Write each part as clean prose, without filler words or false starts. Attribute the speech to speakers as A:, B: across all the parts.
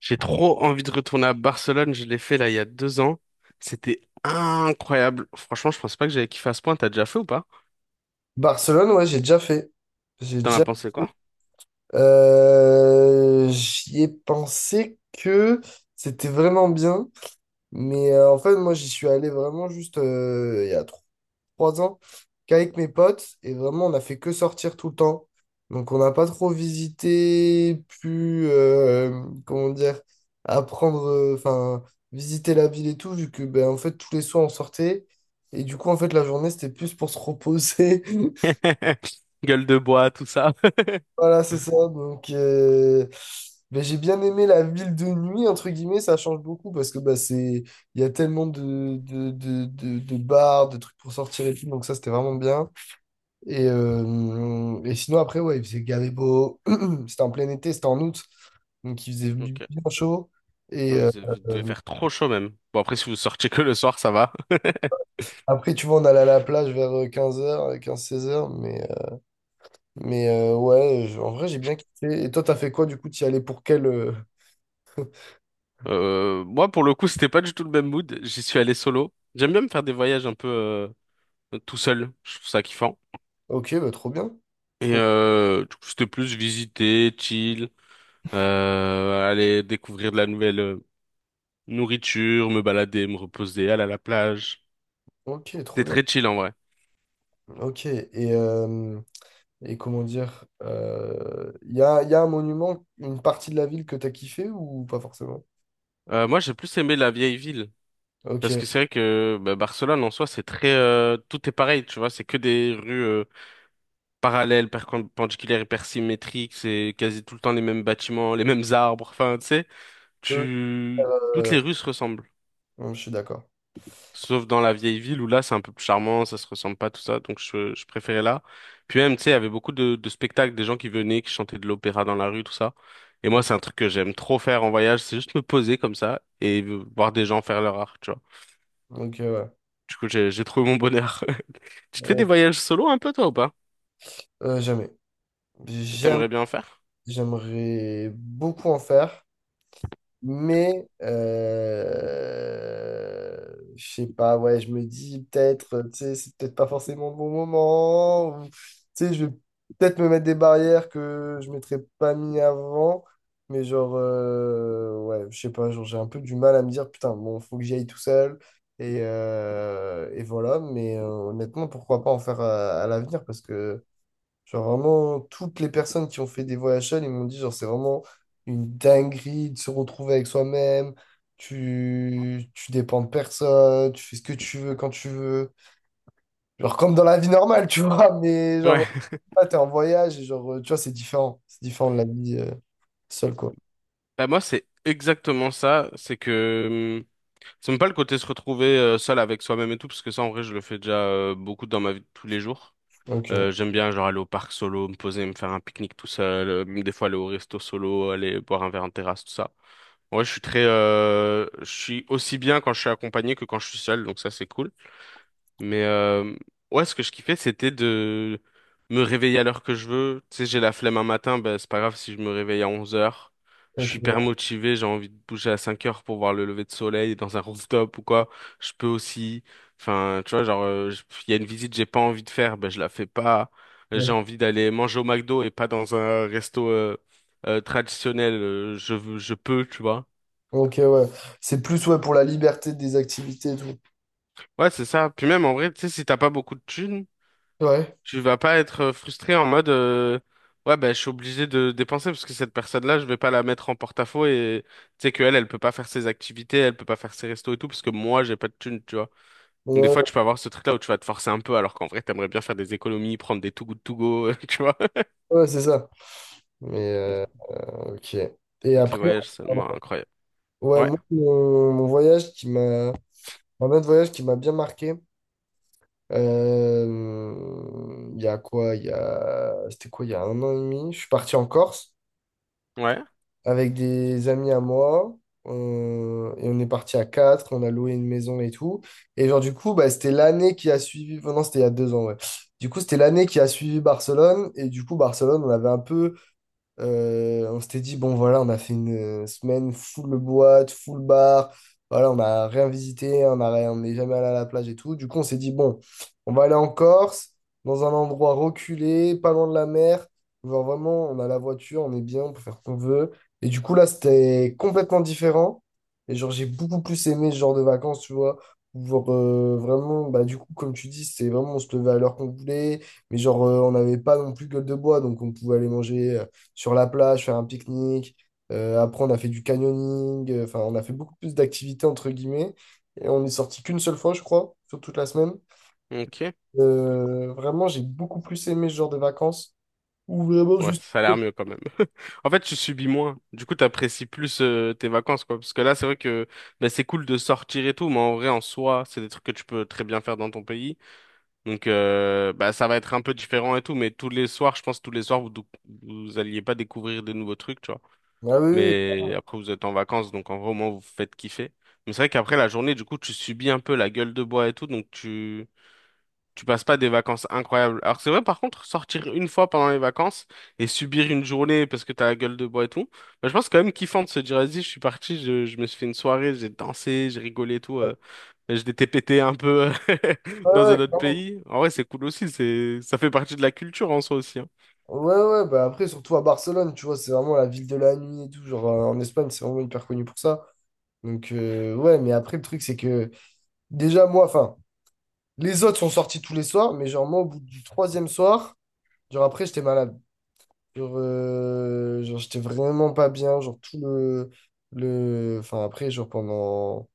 A: J'ai trop envie de retourner à Barcelone. Je l'ai fait là il y a 2 ans. C'était incroyable. Franchement, je pensais pas que j'allais kiffer à ce point. T'as déjà fait ou pas?
B: Barcelone, ouais, j'ai déjà fait. J'ai
A: T'en as
B: déjà.
A: pensé quoi?
B: J'y ai pensé que c'était vraiment bien, mais en fait, moi, j'y suis allé vraiment juste il y a 3 ans qu'avec mes potes, et vraiment, on a fait que sortir tout le temps. Donc, on n'a pas trop visité, comment dire, apprendre, enfin, visiter la ville et tout, vu que, ben, en fait, tous les soirs, on sortait. Et du coup, en fait, la journée, c'était plus pour se reposer.
A: Gueule de bois, tout ça.
B: Voilà, c'est ça. Donc, ben, j'ai bien aimé la ville de nuit, entre guillemets, ça change beaucoup parce que bah, il y a tellement de bars, de trucs pour sortir et tout, donc ça, c'était vraiment bien. Et sinon, après, ouais, il faisait gavé beau. C'était en plein été, c'était en août, donc il faisait
A: Ok.
B: bien chaud.
A: Ah,
B: Et
A: mais vous devez
B: euh,
A: faire trop chaud même. Bon, après, si vous sortiez que le soir, ça va.
B: après, tu vois, on allait à la plage vers 15h 15-16h mais ouais, en vrai, j'ai bien kiffé. Et toi, t'as fait quoi du coup? T'y allais pour quel.
A: Moi, pour le coup, c'était pas du tout le même mood. J'y suis allé solo. J'aime bien me faire des voyages un peu tout seul. Je trouve ça kiffant.
B: Ok, bah, trop bien.
A: Et
B: Trop
A: du coup, c'était plus visiter, chill, aller découvrir de la nouvelle nourriture, me balader, me reposer, aller à la plage.
B: Ok, trop
A: C'était
B: bien.
A: très chill en vrai.
B: Ok, et comment dire, y a un monument, une partie de la ville que t'as kiffé ou pas forcément?
A: Moi, j'ai plus aimé la vieille ville.
B: Ok,
A: Parce que c'est vrai que bah, Barcelone en soi, c'est très tout est pareil, tu vois. C'est que des rues parallèles, perpendiculaires, hyper symétriques. C'est quasi tout le temps les mêmes bâtiments, les mêmes arbres. Enfin, tu sais, toutes
B: euh,
A: les rues se ressemblent.
B: non, je suis d'accord.
A: Sauf dans la vieille ville où là c'est un peu plus charmant, ça se ressemble pas tout ça, donc je préférais là. Puis même, tu sais, il y avait beaucoup de spectacles, des gens qui venaient, qui chantaient de l'opéra dans la rue, tout ça. Et moi, c'est un truc que j'aime trop faire en voyage, c'est juste me poser comme ça et voir des gens faire leur art, tu vois.
B: Donc, ouais.
A: Du coup, j'ai trouvé mon bonheur. Tu te fais des voyages solo un peu, toi, ou pas?
B: Jamais. Jamais.
A: T'aimerais bien en faire?
B: J'aimerais beaucoup en faire. Mais je sais pas, ouais, je me dis peut-être, tu sais, c'est peut-être pas forcément le bon moment. Ou, tu sais, je vais peut-être me mettre des barrières que je m'étais pas mis avant. Mais genre, ouais, je sais pas, genre, j'ai un peu du mal à me dire, putain, bon, faut que j'y aille tout seul. Et voilà, mais honnêtement, pourquoi pas en faire à l'avenir parce que. Genre vraiment, toutes les personnes qui ont fait des voyages seules, ils m'ont dit, genre, c'est vraiment une dinguerie de se retrouver avec soi-même. Tu dépends de personne, tu fais ce que tu veux quand tu veux. Genre comme dans la vie normale, tu vois, mais genre,
A: Ouais.
B: là, t'es en voyage et genre, tu vois, c'est différent. C'est différent de la vie seule, quoi.
A: Bah, moi, c'est exactement ça. C'est que c'est même pas le côté se retrouver seul avec soi-même et tout, parce que ça, en vrai, je le fais déjà beaucoup dans ma vie de tous les jours.
B: Ok,
A: J'aime bien genre aller au parc solo, me poser, me faire un pique-nique tout seul, même des fois aller au resto solo, aller boire un verre en terrasse, tout ça. Ouais, je suis je suis aussi bien quand je suis accompagné que quand je suis seul, donc ça c'est cool. Mais ouais, ce que je kiffais, c'était de me réveiller à l'heure que je veux. Tu sais, j'ai la flemme un matin, ben, c'est pas grave si je me réveille à 11 heures. Je suis
B: ok,
A: hyper motivé, j'ai envie de bouger à 5 heures pour voir le lever de soleil dans un rooftop ou quoi. Je peux aussi. Enfin, tu vois, genre, il y a une visite que j'ai pas envie de faire, ben, je la fais pas. J'ai
B: ouais.
A: envie d'aller manger au McDo et pas dans un resto traditionnel. Je peux, tu vois.
B: Ok, ouais. C'est plus, ouais, pour la liberté des activités et tout.
A: Ouais, c'est ça. Puis même, en vrai, tu sais, si t'as pas beaucoup de thunes.
B: Ouais,
A: Tu vas pas être frustré en mode ouais, ben je suis obligé de dépenser parce que cette personne-là je vais pas la mettre en porte-à-faux et tu sais qu'elle elle peut pas faire ses activités, elle peut pas faire ses restos et tout parce que moi j'ai pas de thune, tu vois. Donc des
B: ouais,
A: fois tu peux avoir ce truc-là où tu vas te forcer un peu alors qu'en vrai t'aimerais bien faire des économies, prendre des too good to go, tu vois.
B: ouais, c'est ça. Mais, ok. Et
A: Donc les
B: après,
A: voyages c'est seulement incroyable.
B: ouais,
A: Ouais,
B: moi, mon voyage qui m'a. Un autre voyage qui m'a bien marqué. Il y a quoi? Il y a. C'était quoi? Il y a un an et demi. Je suis parti en Corse
A: ouais.
B: avec des amis à moi. Et on est parti à quatre. On a loué une maison et tout. Et genre, du coup, bah, c'était l'année qui a suivi. Non, c'était il y a 2 ans, ouais. Du coup, c'était l'année qui a suivi Barcelone. Et du coup, Barcelone, on avait un peu. On s'était dit, bon, voilà, on a fait une semaine full boîte, full bar. Voilà, on a rien visité, on a, rien- on n'est jamais allé à la plage et tout. Du coup, on s'est dit, bon, on va aller en Corse, dans un endroit reculé, pas loin de la mer. Genre vraiment, on a la voiture, on est bien, on peut faire ce qu'on veut. Et du coup, là, c'était complètement différent. Et genre, j'ai beaucoup plus aimé ce genre de vacances, tu vois. Genre, vraiment, bah, du coup, comme tu dis, c'est vraiment, on se levait à l'heure qu'on voulait. Mais genre, on n'avait pas non plus gueule de bois, donc on pouvait aller manger sur la plage, faire un pique-nique. Après, on a fait du canyoning. Enfin, on a fait beaucoup plus d'activités, entre guillemets. Et on est sorti qu'une seule fois, je crois, sur toute la semaine.
A: Ok.
B: Vraiment, j'ai beaucoup plus aimé ce genre de vacances. Ou vraiment
A: Ouais,
B: juste.
A: ça a l'air mieux quand même. En fait, tu subis moins. Du coup, t'apprécies plus tes vacances, quoi. Parce que là, c'est vrai que bah, c'est cool de sortir et tout, mais en vrai, en soi, c'est des trucs que tu peux très bien faire dans ton pays. Donc, bah, ça va être un peu différent et tout, mais tous les soirs, je pense, tous les soirs, vous alliez pas découvrir de nouveaux trucs, tu vois.
B: Ah oui, oui. Oui.
A: Mais après, vous êtes en vacances, donc en vrai, au moins, vous vous faites kiffer. Mais c'est vrai qu'après la journée, du coup, tu subis un peu la gueule de bois et tout, donc tu passes pas des vacances incroyables. Alors que c'est vrai, par contre, sortir une fois pendant les vacances et subir une journée parce que t'as la gueule de bois et tout, bah, je pense quand même kiffant de se dire, vas-y, je suis parti, je me suis fait une soirée, j'ai dansé, j'ai rigolé et tout, je t'ai pété un peu
B: Ouais,
A: dans
B: ouais,
A: un autre
B: clairement.
A: pays. En vrai, c'est cool aussi, c'est, ça fait partie de la culture en soi aussi. Hein.
B: Ouais, ouais, bah après, surtout à Barcelone, tu vois, c'est vraiment la ville de la nuit et tout. Genre, en Espagne, c'est vraiment hyper connu pour ça. Donc, ouais, mais après, le truc, c'est que déjà, moi, enfin, les autres sont sortis tous les soirs, mais genre, moi, au bout du troisième soir, genre, après, j'étais malade. Genre, j'étais vraiment pas bien. Genre, tout le. Enfin, après, genre, pendant.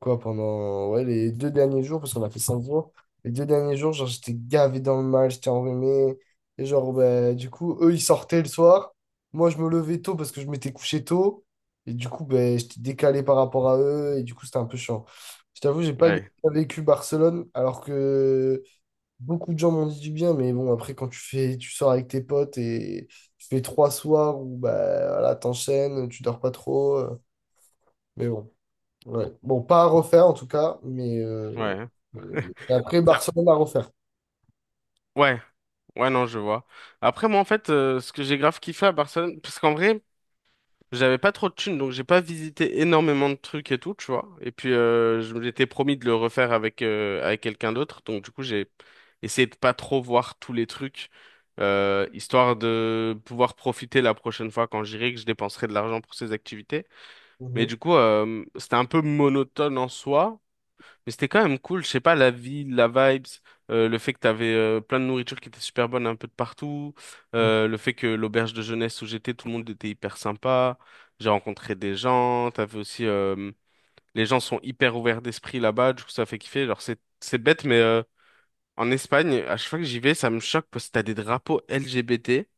B: Quoi, pendant. Ouais, les 2 derniers jours, parce qu'on a fait 5 jours. Les 2 derniers jours, genre, j'étais gavé dans le mal, j'étais enrhumé. Et genre, bah, du coup, eux, ils sortaient le soir. Moi, je me levais tôt parce que je m'étais couché tôt. Et du coup, ben j'étais décalé par rapport à eux. Et du coup, c'était un peu chiant. Je t'avoue, j'ai pas
A: Ouais,
B: vécu Barcelone alors que. Beaucoup de gens m'ont dit du bien, mais bon, après, quand tu fais, tu sors avec tes potes et tu fais 3 soirs où bah, voilà, t'enchaînes, tu dors pas trop. Mais bon, ouais. Bon, pas à refaire en tout cas,
A: ouais.
B: et après,
A: Ça-
B: Barcelone à refaire.
A: Ouais, ouais, non, je vois. Après, moi, en fait, ce que j'ai grave kiffé à Barcelone, parce qu'en vrai, j'avais pas trop de thunes, donc j'ai pas visité énormément de trucs et tout, tu vois. Et puis je m'étais promis de le refaire avec quelqu'un d'autre, donc du coup j'ai essayé de pas trop voir tous les trucs, histoire de pouvoir profiter la prochaine fois quand j'irai que je dépenserai de l'argent pour ces activités. Mais
B: Mhm,
A: du coup c'était un peu monotone en soi. Mais c'était quand même cool, je sais pas, la ville, la vibes, le fait que t'avais plein de nourriture qui était super bonne un peu de partout,
B: mhm,
A: le fait que l'auberge de jeunesse où j'étais, tout le monde était hyper sympa, j'ai rencontré des gens, t'avais aussi, les gens sont hyper ouverts d'esprit là-bas, du coup ça fait kiffer. Alors c'est bête, mais en Espagne, à chaque fois que j'y vais, ça me choque parce que t'as des drapeaux LGBT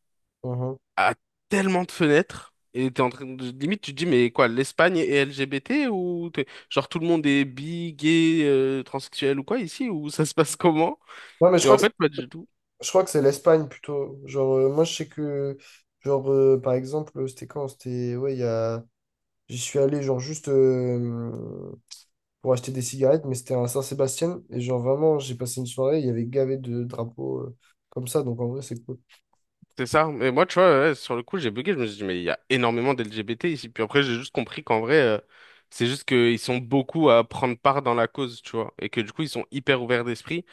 B: mhm.
A: à tellement de fenêtres. Et t'es en train de... Limite, tu te dis, mais quoi, l'Espagne est LGBT ou genre, tout le monde est bi, gay, transsexuel ou quoi ici? Ou ça se passe comment?
B: Ouais, mais
A: Et en fait, pas du tout.
B: je crois que c'est l'Espagne plutôt. Genre, moi, je sais que, genre, par exemple, c'était quand? C'était, ouais, il y a, j'y suis allé, genre, juste. Pour acheter des cigarettes, mais c'était à Saint-Sébastien. Et genre, vraiment, j'ai passé une soirée, il y avait gavé de drapeaux comme ça. Donc, en vrai, c'est cool.
A: C'est ça. Mais moi, tu vois, ouais, sur le coup, j'ai bugué. Je me suis dit, mais il y a énormément d'LGBT ici. Puis après, j'ai juste compris qu'en vrai, c'est juste qu'ils sont beaucoup à prendre part dans la cause, tu vois. Et que du coup, ils sont hyper ouverts d'esprit.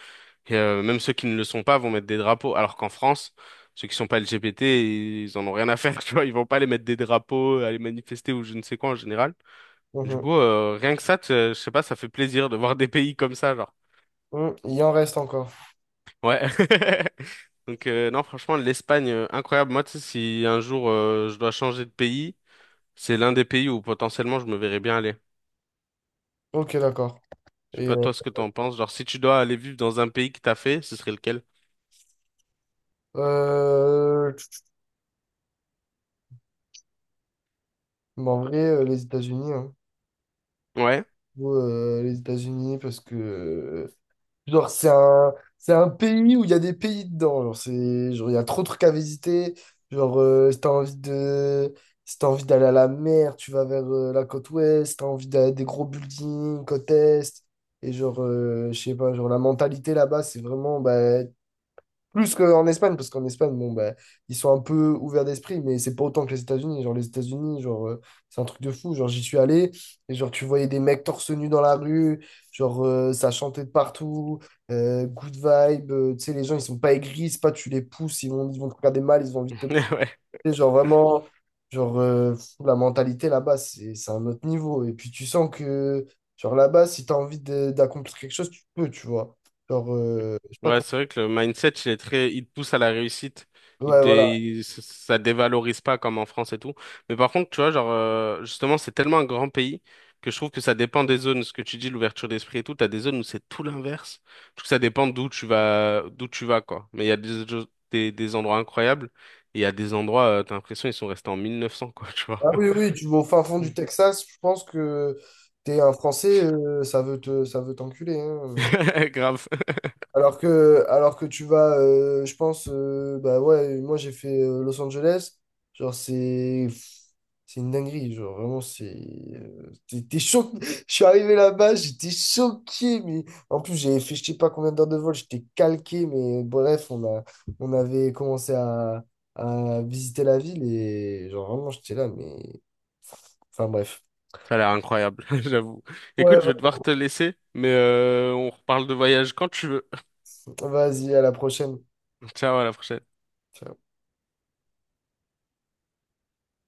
A: Et, même ceux qui ne le sont pas vont mettre des drapeaux. Alors qu'en France, ceux qui sont pas LGBT, ils en ont rien à faire, tu vois. Ils vont pas aller mettre des drapeaux, aller manifester ou je ne sais quoi en général. Du
B: Mhm.
A: coup, rien que ça, je sais pas, ça fait plaisir de voir des pays comme ça, genre.
B: Mhm. Il en reste encore.
A: Ouais. Donc non, franchement, l'Espagne, incroyable. Moi, tu sais, si un jour je dois changer de pays, c'est l'un des pays où potentiellement je me verrais bien aller.
B: Ok, d'accord.
A: Je sais
B: Et
A: pas toi ce que t'en penses. Genre, si tu dois aller vivre dans un pays qui t'a fait, ce serait lequel?
B: euh, tch, mais en vrai, les États-Unis, hein.
A: Ouais.
B: Ou, les États-Unis parce que genre c'est un pays où il y a des pays dedans. Genre c'est genre il y a trop de trucs à visiter. Genre si t'as envie d'aller à la mer, tu vas vers la côte ouest. Si t'as envie d'aller à des gros buildings, côte est. Et genre je sais pas, genre la mentalité là-bas c'est vraiment, bah, plus qu'en Espagne, parce qu'en Espagne, bon, bah, ils sont un peu ouverts d'esprit, mais c'est pas autant que les États-Unis. Genre, les États-Unis, genre, c'est un truc de fou. Genre, j'y suis allé, et genre, tu voyais des mecs torse nu dans la rue, genre, ça chantait de partout, good vibe, tu sais, les gens, ils sont pas aigris, c'est pas tu les pousses, ils vont te regarder mal, ils ont envie de te
A: Ouais.
B: pousser. Genre, vraiment, genre, fou, la mentalité là-bas, c'est un autre niveau. Et puis, tu sens que, genre, là-bas, si t'as envie d'accomplir quelque chose, tu peux, tu vois. Genre, je sais pas
A: Ouais,
B: comment.
A: c'est vrai que le mindset, il est très, il te pousse à la réussite. Il,
B: Ouais, voilà.
A: dé- il- ça ça dévalorise pas comme en France et tout. Mais par contre, tu vois, genre, justement, c'est tellement un grand pays que je trouve que ça dépend des zones. Ce que tu dis, l'ouverture d'esprit et tout, t'as des zones où c'est tout l'inverse. Je trouve que ça dépend d'où tu vas, quoi. Mais il y a des endroits incroyables et il y a des endroits, t'as l'impression, ils sont restés en 1900, quoi, tu vois.
B: Ah oui, oui, tu vas au fin fond du
A: Mm.
B: Texas, je pense que t'es un Français, ça veut t'enculer, hein,
A: Grave.
B: Alors que tu vas, je pense, bah ouais, moi j'ai fait Los Angeles, genre c'est une dinguerie, genre vraiment euh, t'es, t'es cho- Je suis arrivé là-bas, j'étais choqué, mais en plus j'avais fait je sais pas combien d'heures de vol, j'étais calqué, mais bref, on avait commencé à visiter la ville et genre vraiment j'étais là, mais enfin bref.
A: Ça a l'air incroyable, j'avoue.
B: Ouais,
A: Écoute, je vais devoir te laisser, mais on reparle de voyage quand tu veux.
B: ouais, vas-y, à la prochaine.
A: Ciao, à la prochaine.
B: Ciao.